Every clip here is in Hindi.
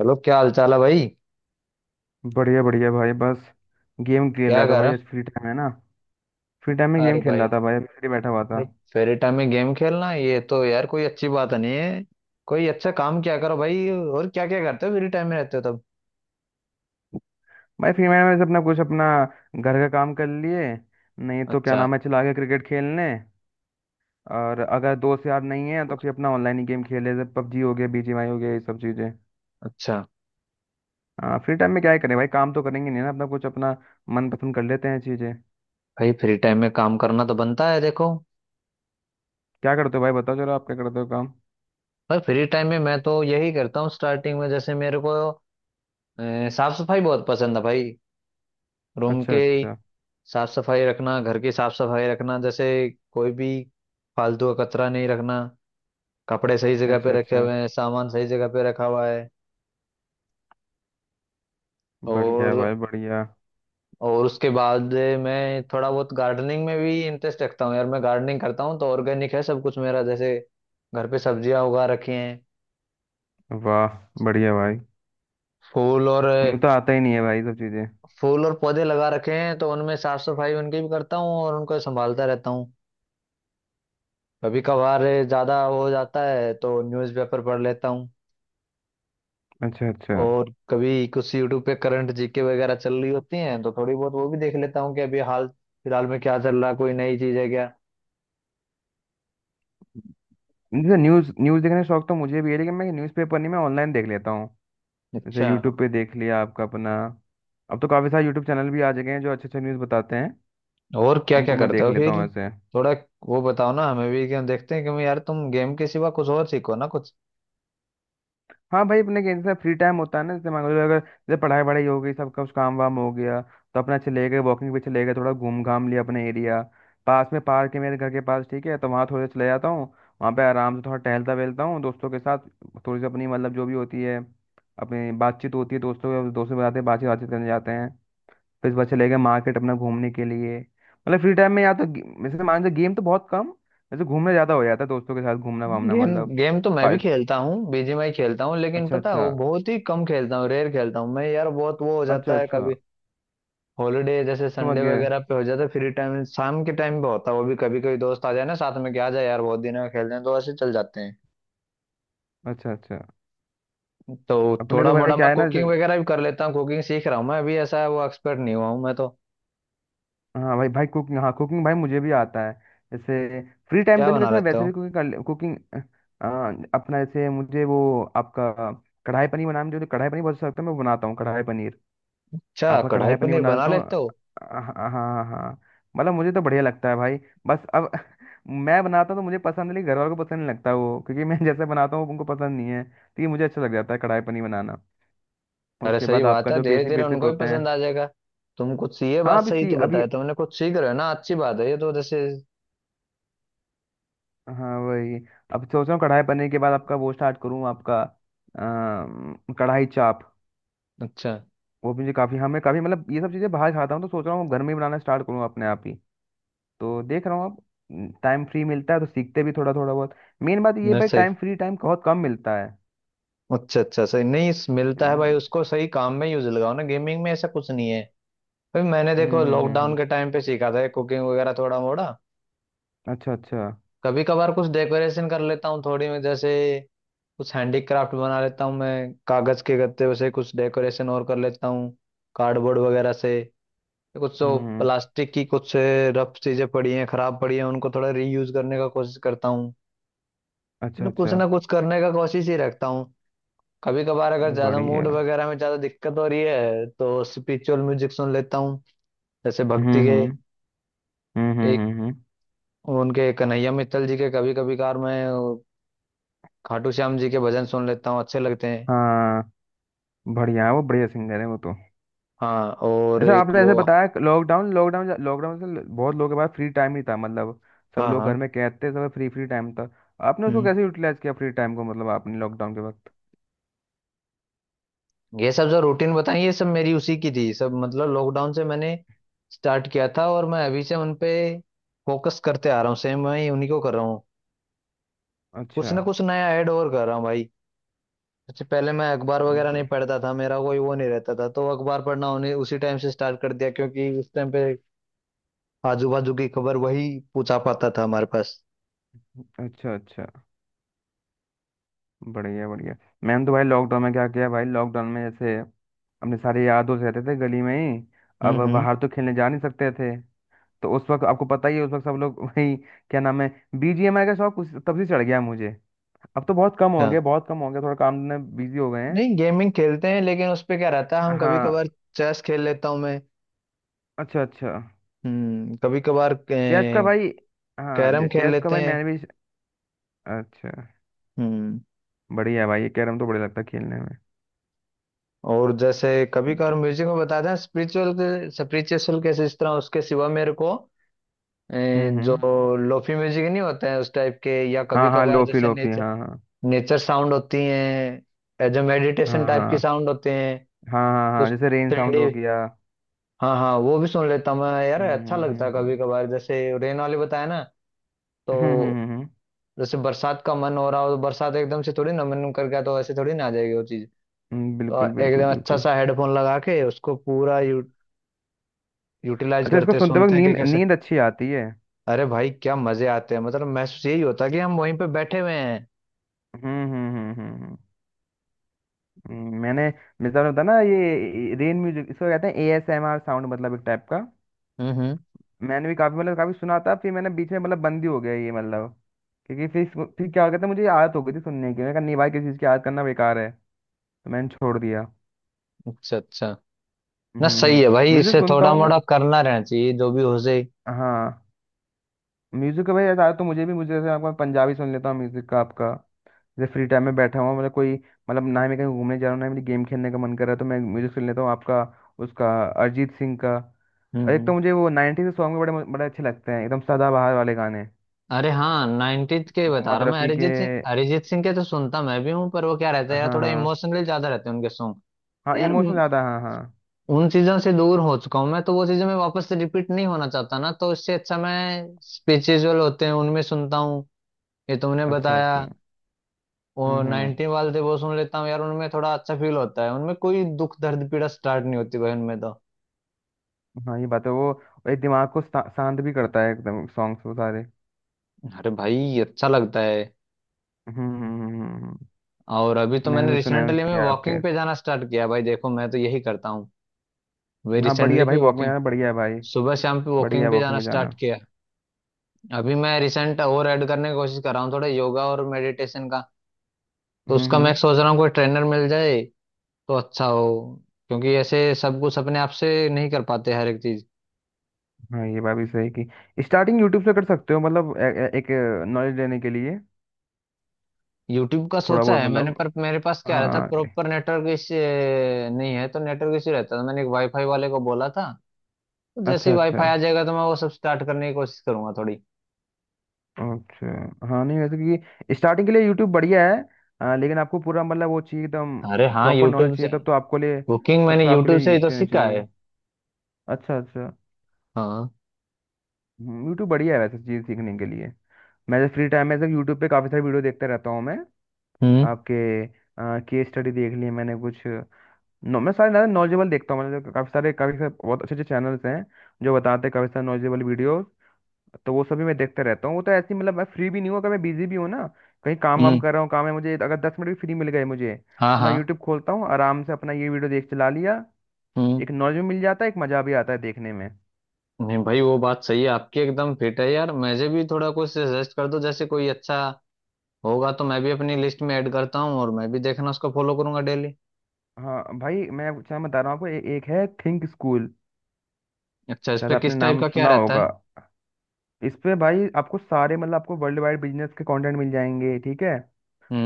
हेलो क्या हाल चाल है भाई। बढ़िया बढ़िया भाई बस गेम खेल क्या रहा था कर भाई रहा आज फ्री टाइम है ना। फ्री टाइम में है? गेम अरे खेल रहा भाई था भाई अभी फ्री बैठा हुआ था। अरे फ्री टाइम में गेम खेलना ये तो यार कोई अच्छी बात नहीं है। कोई अच्छा काम क्या करो भाई और क्या क्या करते हो फ्री टाइम में रहते हो तब। भाई फ्री टाइम में से अपना कुछ अपना घर का काम कर लिए नहीं तो क्या अच्छा नाम है चला गया क्रिकेट खेलने। और अगर दोस्त यार नहीं है तो फिर अपना ऑनलाइन ही गेम खेले जैसे पबजी हो गया बीजीएमआई हो गया ये सब चीज़ें। अच्छा हाँ फ्री टाइम में क्या ही करें भाई काम तो करेंगे नहीं ना अपना कुछ अपना मनपसंद कर लेते हैं चीज़ें। भाई फ्री टाइम में काम करना तो बनता है देखो। क्या करते हो भाई बताओ जरा आप क्या करते हो काम। भाई फ्री टाइम में मैं तो यही करता हूँ स्टार्टिंग में जैसे मेरे को साफ सफाई बहुत पसंद है भाई। रूम अच्छा के अच्छा। साफ सफाई रखना, घर की साफ सफाई रखना, जैसे कोई भी फालतू का कचरा नहीं रखना, कपड़े सही जगह पे अच्छा रखे अच्छा। हुए हैं, सामान सही जगह पे रखा हुआ है। और बढ़िया भाई बढ़िया। और उसके बाद मैं थोड़ा बहुत गार्डनिंग में भी इंटरेस्ट रखता हूँ यार। मैं गार्डनिंग करता हूँ तो ऑर्गेनिक है सब कुछ मेरा। जैसे घर पे सब्जियां उगा रखी हैं, वाह। बढ़िया भाई। फूल और मुझे तो आता ही नहीं है भाई सब चीजें। फूल और पौधे लगा रखे हैं, तो उनमें साफ सफाई उनकी भी करता हूँ और उनको संभालता रहता हूँ। कभी कभार ज्यादा हो जाता है तो न्यूज़पेपर पढ़ लेता हूँ। अच्छा अच्छा। और कभी कुछ यूट्यूब पे करंट जीके वगैरह चल रही होती हैं तो थोड़ी बहुत वो भी देख लेता हूँ कि अभी हाल फिलहाल में क्या चल रहा है, कोई नई चीज है क्या। जैसे न्यूज न्यूज देखने का शौक तो मुझे भी है लेकिन मैं न्यूज़पेपर नहीं मैं ऑनलाइन देख लेता हूँ। जैसे अच्छा यूट्यूब पे देख लिया आपका अपना। अब तो काफी सारे यूट्यूब चैनल भी आ गए हैं जो अच्छे अच्छे न्यूज बताते हैं। और क्या क्या उनको मैं करते देख हो लेता फिर। हूँ ऐसे। थोड़ा वो बताओ ना हमें भी क्या देखते हैं, क्योंकि यार तुम गेम के सिवा कुछ और सीखो ना कुछ। हाँ भाई अपने के जैसे फ्री टाइम होता है ना, जैसे मान लो अगर जैसे पढ़ाई वढ़ाई हो गई सब कुछ काम वाम हो गया तो अपना चले गए वॉकिंग पे, चले गए थोड़ा घूम घाम लिया अपने एरिया। पास में पार्क है मेरे घर के पास ठीक है तो वहाँ थोड़े चले जाता हूँ। वहाँ पे आराम से थोड़ा टहलता वहलता हूँ दोस्तों के साथ। थोड़ी सी अपनी मतलब जो भी होती है अपनी बातचीत होती है दोस्तों के बताते बातचीत बातचीत करने जाते हैं। फिर उसके बाद चले गए मार्केट अपना घूमने के लिए, मतलब फ्री टाइम में या तो वैसे मान लो गेम तो बहुत कम। वैसे घूमने ज़्यादा हो जाता है दोस्तों के साथ घूमना वामना गेम मतलब। गेम तो मैं पा- भी खेलता हूँ, बीजीएमआई खेलता हूँ, लेकिन अच्छा पता है अच्छा। वो बहुत ही कम खेलता हूँ, रेयर खेलता हूँ मैं यार। बहुत वो हो अच्छा जाता है अच्छा। कभी हॉलीडे जैसे समझ संडे गए। वगैरह पे हो जाता है फ्री टाइम। शाम के टाइम पे होता है वो भी, कभी कभी दोस्त आ जाए ना साथ में कि आ जाए यार बहुत दिन में खेलते हैं, तो ऐसे चल जाते हैं। अच्छा अच्छा। तो अपने थोड़ा तो भाई मोड़ा क्या मैं है ना कुकिंग वगैरह भी कर लेता हूँ, कुकिंग सीख रहा हूँ मैं अभी। ऐसा है वो एक्सपर्ट नहीं हुआ हूँ मैं तो। हाँ भाई भाई कुकिंग हाँ कुकिंग भाई मुझे भी आता है। जैसे फ्री टाइम क्या तो नहीं बना वैसे मैं लेता वैसे हूँ। भी कुकिंग कर कुकिंग अपना जैसे मुझे वो आपका कढ़ाई पनीर बनाना, मुझे कढ़ाई पनीर बहुत अच्छा लगता है मैं बनाता हूँ कढ़ाई पनीर। अच्छा, आपका कढ़ाई कढ़ाई पनीर पनीर बना बना लेता हूँ, लेते हो। हाँ हाँ हाँ हाँ, हाँ। मतलब मुझे तो बढ़िया लगता है भाई। बस अब मैं बनाता हूँ तो मुझे पसंद है लेकिन घर वालों को पसंद नहीं लगता वो, क्योंकि मैं जैसे बनाता हूँ उनको पसंद नहीं है, तो ये मुझे अच्छा लग जाता है कढ़ाई पनीर बनाना। अरे उसके सही बाद बात आपका है, जो धीरे बेसिक धीरे बेसिक उनको भी होते हैं। पसंद आ जाएगा। तुम कुछ ये हाँ बात अभी सही सी तो अभी बताया तुमने, कुछ सीख रहे हो ना, अच्छी बात है ये तो जैसे। हाँ वही। अब सोच रहा हूँ कढ़ाई पनीर के बाद आपका वो स्टार्ट करूँ आपका कढ़ाई चाप। अच्छा। वो भी मुझे काफ़ी हमें काफ़ी मतलब ये सब चीज़ें बाहर खाता हूँ तो सोच रहा हूँ घर में ही बनाना स्टार्ट करूँ अपने आप ही। तो देख रहा हूँ अब टाइम फ्री मिलता है तो सीखते भी थोड़ा थोड़ा बहुत। मेन बात ये है नहीं भाई सही। टाइम फ्री टाइम बहुत कम मिलता है। अच्छा अच्छा। सही नहीं मिलता है भाई, हम्म उसको सही काम में यूज लगाओ ना, गेमिंग में ऐसा कुछ नहीं है भाई। मैंने हम्म देखो हम्म हम्म, लॉकडाउन हम्म। के टाइम पे सीखा था कुकिंग वगैरह थोड़ा मोड़ा। अच्छा अच्छा। कभी कभार कुछ डेकोरेशन कर लेता हूँ थोड़ी में, जैसे कुछ हैंडीक्राफ्ट बना लेता हूँ मैं। कागज के गत्ते से कुछ डेकोरेशन और कर लेता हूँ, कार्डबोर्ड वगैरह से। कुछ तो हम्म। प्लास्टिक की कुछ रफ चीजें पड़ी हैं, खराब पड़ी हैं, उनको थोड़ा रीयूज करने का कोशिश करता हूँ। अच्छा मतलब कुछ अच्छा। ना कुछ करने का कोशिश ही रखता हूँ। कभी कभार अगर ज्यादा मूड बढ़िया। वगैरह में ज्यादा दिक्कत हो रही है तो स्पिरिचुअल म्यूजिक सुन लेता हूँ, जैसे हम्म भक्ति के। हम्म हम्म हम्म एक हम्म, हम्म। उनके कन्हैया मित्तल जी के कभी कभी कार मैं वो खाटू श्याम जी के भजन सुन लेता हूँ, अच्छे लगते हैं। हाँ बढ़िया है वो, बढ़िया सिंगर है वो तो। हाँ और जैसे एक आपने वो। ऐसे बताया लॉकडाउन लॉकडाउन लॉकडाउन से बहुत लोगों के पास फ्री टाइम ही था, मतलब सब हाँ लोग घर हाँ। में कैद थे सब फ्री फ्री टाइम था। आपने उसको हम्म कैसे यूटिलाइज किया फ्री टाइम को, मतलब आपने लॉकडाउन के वक्त। ये सब जो रूटीन बताई ये सब मेरी उसी की थी सब, मतलब लॉकडाउन से मैंने स्टार्ट किया था, और मैं अभी से उन पे फोकस करते आ रहा हूँ, सेम मैं उन्हीं को कर रहा हूँ। कुछ अच्छा। ना कुछ नया ऐड और कर रहा हूँ भाई। सबसे पहले मैं अखबार वगैरह नहीं ब- पढ़ता था, मेरा कोई वो नहीं रहता था, तो अखबार पढ़ना उन्हें उसी टाइम से स्टार्ट कर दिया क्योंकि उस टाइम पे आजू बाजू की खबर वही पूछा पाता था हमारे पास। अच्छा अच्छा। बढ़िया बढ़िया। मैंने तो भाई लॉकडाउन में क्या किया भाई, लॉकडाउन में जैसे अपने सारे यार दोस्त रहते थे गली में ही। अब हम्म। बाहर तो खेलने जा नहीं सकते थे। तो उस वक्त आपको पता ही है, उस वक्त सब लोग वही क्या नाम है बीजीएमआई का शौक तब से चढ़ गया मुझे। अब तो बहुत कम हो अच्छा। गया बहुत कम हो गया, थोड़ा काम में बिजी हो गए हैं। नहीं गेमिंग खेलते हैं लेकिन उस पे क्या रहता है हम कभी हाँ। कभार चेस खेल लेता हूँ मैं। अच्छा अच्छा। कभी कभार चेस का भाई। हाँ कैरम खेल चेस का लेते भाई हैं। मैंने भी। अच्छा। हम्म बढ़िया भाई ये कैरम तो बढ़िया लगता है खेलने में। और जैसे कभी ठीक कभार है। म्यूजिक में बताते हैं स्पिरिचुअल, स्पिरिचुअल कैसे इस तरह उसके सिवा मेरे को अ, जो हम्म। लोफी म्यूजिक नहीं होते हैं उस टाइप के, या कभी हाँ हाँ कभार लोफी जैसे लोफी, नेचर, हाँ हाँ नेचर साउंड होती हैं जो हाँ मेडिटेशन टाइप की हाँ। साउंड होते हैं, हाँ हाँ। हाँ कुछ जैसे रेन थ्री साउंड डी। हो गया। हाँ हाँ, वो भी सुन लेता हूँ मैं यार, अच्छा लगता है। कभी हम्म। कभार जैसे रेन वाले बताया ना, तो हम्म हम्म हम्म, हम्म, हम्म, जैसे बरसात का मन हो रहा हो तो बरसात एकदम से थोड़ी ना मन कर गया तो ऐसे थोड़ी ना आ जाएगी वो चीज। बिल्कुल और बिल्कुल एकदम अच्छा बिल्कुल। सा हेडफोन लगा के उसको पूरा यू यूटिलाइज अच्छा इसको करते हैं, सुनते वक्त सुनते हैं कि नींद कैसे। नींद अच्छी आती है। अरे भाई क्या मजे आते हैं, मतलब महसूस यही होता है कि हम वहीं पे बैठे हुए हैं। हम्म हम्म हम्म हम्म हम्म, मैंने मिसाल होता ना ये रेन म्यूजिक इसको कहते हैं एएसएमआर साउंड, मतलब एक टाइप का। हम्म। मैंने भी काफी मतलब काफी सुना था, फिर मैंने बीच में मतलब बंद ही हो गया ये मतलब। क्योंकि फिर फिर क्या हो गया था मुझे आदत हो गई थी सुनने की, मैंने कहा नहीं भाई किसी चीज की आदत करना बेकार है तो मैंने छोड़ दिया। अच्छा अच्छा। ना सही हम्म। है भाई, म्यूजिक इसे सुनता थोड़ा हूँ मैं। मोड़ा करना रहना चाहिए जो भी हो सही। हाँ। म्यूजिक का भाई ऐसा तो मुझे भी मुझे जैसे आपका पंजाबी सुन लेता हूँ म्यूजिक का आपका। जैसे फ्री टाइम में बैठा हुआ मतलब कोई, मतलब ना ही मैं कहीं घूमने जा रहा हूँ ना ही मेरी गेम खेलने का मन कर रहा है तो मैं म्यूजिक सुन लेता हूँ आपका उसका अरिजीत सिंह का। और एक तो हम्म। मुझे वो 90s के सॉन्ग भी बड़े बड़े अच्छे लगते हैं, एकदम सदाबहार वाले गाने अरे हाँ नाइनटीज के बता मोहम्मद रहा हूँ मैं। रफ़ी के। अरिजीत सिंह, अरिजीत सिंह के तो सुनता मैं भी हूँ पर वो क्या रहता है यार हाँ थोड़ा हाँ। इमोशनली ज्यादा रहते हैं उनके सॉन्ग। तो हाँ यार इमोशन ज्यादा, हाँ हाँ। उन चीजों से दूर हो चुका हूँ मैं, तो वो चीजें मैं वापस से रिपीट नहीं होना चाहता ना, तो इससे अच्छा मैं स्पिरिचुअल होते हैं उनमें सुनता हूँ, ये तुमने अच्छा अच्छा। बताया। और हम्म। 90 वाले थे वो सुन लेता हूँ यार, उनमें थोड़ा अच्छा फील होता है, उनमें कोई दुख दर्द पीड़ा स्टार्ट नहीं होती भाई उनमें तो। हाँ ये बात है वो, एक दिमाग को शांत भी करता है एकदम सॉन्ग्स वो सारे। अरे भाई अच्छा लगता है। हम्म हम्म हम्म, हम्म। और अभी तो मैंने मैंने भी सुना है रिसेंटली में उसके आपके। वॉकिंग पे जाना स्टार्ट किया भाई, देखो मैं तो यही करता हूँ। वे हाँ रिसेंटली बढ़िया भाई, पे वॉक में वॉकिंग, जाना बढ़िया है भाई। सुबह शाम पे बढ़िया वॉकिंग है पे वॉकिंग जाना में स्टार्ट जाना। किया। अभी मैं रिसेंट और ऐड करने की कोशिश कर रहा हूँ थोड़ा योगा और मेडिटेशन का, तो उसका मैं हम्म। सोच रहा हूँ कोई ट्रेनर मिल जाए तो अच्छा हो, क्योंकि ऐसे सब कुछ अपने आप से नहीं कर पाते हर एक चीज। हाँ ये बात भी सही कि स्टार्टिंग यूट्यूब से कर सकते हो, मतलब ए, ए, एक नॉलेज लेने के लिए। यूट्यूब का थोड़ा सोचा बहुत है मैंने मतलब। पर मेरे पास क्या रहता हाँ। प्रॉपर नेटवर्क इश्यू नहीं है, तो नेटवर्क इश्यू रहता है, तो मैंने एक वाईफाई वाले को बोला था, तो जैसे अच्छा ही अच्छा। वाईफाई आ जाएगा तो मैं वो सब स्टार्ट करने की कोशिश करूंगा थोड़ी। अच्छा हाँ, नहीं वैसे क्योंकि स्टार्टिंग के लिए यूट्यूब बढ़िया है। लेकिन आपको पूरा मतलब वो चाहिए अरे एकदम हाँ प्रॉपर नॉलेज यूट्यूब से चाहिए तब तो आपको लिए। कुकिंग तब मैंने को आपके यूट्यूब से ही लिए तो ट्रेनिंग सीखा चाहिए। है। अच्छा अच्छा। हाँ। यूट्यूब बढ़िया है वैसे चीज़ सीखने के लिए। मैं जब फ्री टाइम में जब यूट्यूब पे काफ़ी सारी वीडियो देखता रहता हूँ मैं। हम्म आपके केस स्टडी देख लिए मैंने कुछ। नो, मैं सारे ज़्यादा नॉलेजेबल देखता हूँ, मतलब काफ़ी सारे बहुत अच्छे अच्छे चैनल्स हैं जो बताते हैं काफ़ी सारे नॉलेजेबल वीडियो। तो वो सभी मैं देखते रहता हूँ, वो तो ऐसी मतलब मैं फ्री भी नहीं हूँ अगर मैं बिजी भी हूँ ना कहीं काम वाम हम्म। कर रहा हूँ काम है मुझे, अगर 10 मिनट भी फ्री मिल गए मुझे हाँ तो मैं हाँ। यूट्यूब खोलता हूँ आराम से अपना ये वीडियो देख चला लिया। एक हम्म। नॉलेज भी मिल जाता है एक मजा भी आता है देखने में। नहीं भाई वो बात सही है आपकी, एकदम फिट है यार। मुझे भी थोड़ा कुछ सजेस्ट कर दो जैसे कोई अच्छा होगा, तो मैं भी अपनी लिस्ट में ऐड करता हूँ और मैं भी देखना उसको फॉलो करूंगा डेली। हाँ भाई मैं क्या बता रहा हूँ आपको, एक है थिंक स्कूल, अच्छा इस शायद पे आपने किस टाइप नाम का क्या सुना रहता होगा। है। इस पे भाई आपको सारे मतलब आपको वर्ल्ड वाइड बिजनेस के कंटेंट मिल जाएंगे ठीक है।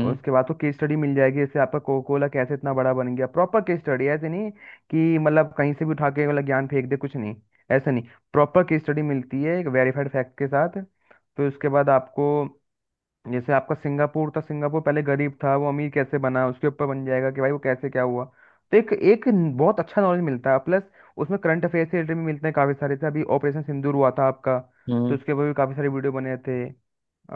और उसके बाद तो केस स्टडी मिल जाएगी, जैसे आपका कोको कोला कैसे इतना बड़ा बन गया प्रॉपर केस स्टडी, ऐसे नहीं कि मतलब कहीं से भी उठा के मतलब ज्ञान फेंक दे कुछ नहीं। ऐसा नहीं। प्रॉपर केस स्टडी मिलती है एक वेरीफाइड फैक्ट के साथ। फिर उसके बाद आपको जैसे आपका सिंगापुर था, सिंगापुर पहले गरीब था वो अमीर कैसे बना उसके ऊपर बन जाएगा कि भाई वो कैसे क्या हुआ। तो एक एक बहुत अच्छा नॉलेज मिलता है प्लस उसमें करंट अफेयर से रिलेटेड भी मिलते हैं काफ़ी सारे से, अभी ऑपरेशन सिंदूर हुआ था आपका तो हम्म। उसके ऊपर भी काफ़ी सारे वीडियो बने थे।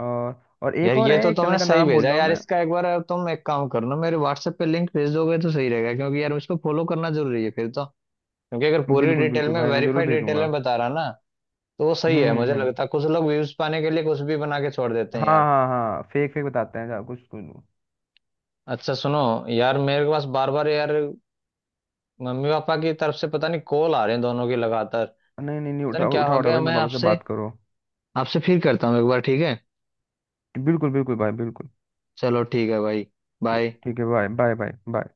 और और एक यार और ये है तो एक चैनल तुमने का सही नाम बोल भेजा रहा हूँ यार, मैं। इसका एक बार तुम एक काम करना मेरे WhatsApp पे लिंक भेज दोगे तो सही रहेगा, क्योंकि यार उसको फॉलो करना जरूरी है फिर तो, क्योंकि अगर पूरी बिल्कुल डिटेल बिल्कुल में भाई, मैं जरूर वेरीफाइड डिटेल भेजूंगा। में बता रहा ना तो वो हम्म सही है। मुझे हम्म हम्म। लगता है कुछ लोग व्यूज पाने के लिए कुछ भी बना के छोड़ देते हाँ हैं यार। हाँ हाँ फेक फेक बताते हैं कुछ कुछ। अच्छा सुनो यार, मेरे पास बार बार यार मम्मी पापा की तरफ से पता नहीं कॉल आ रहे हैं दोनों की लगातार, नहीं नहीं नहीं पता नहीं उठाओ क्या हो उठाओ उठाओ गया। भाई, मैं मैं पापा से आपसे बात करो। आपसे फिर करता हूँ एक बार, ठीक है। बिल्कुल बिल्कुल भाई बिल्कुल। चलो ठीक है भाई, ठीक बाय। ठीक है बाय बाय बाय बाय।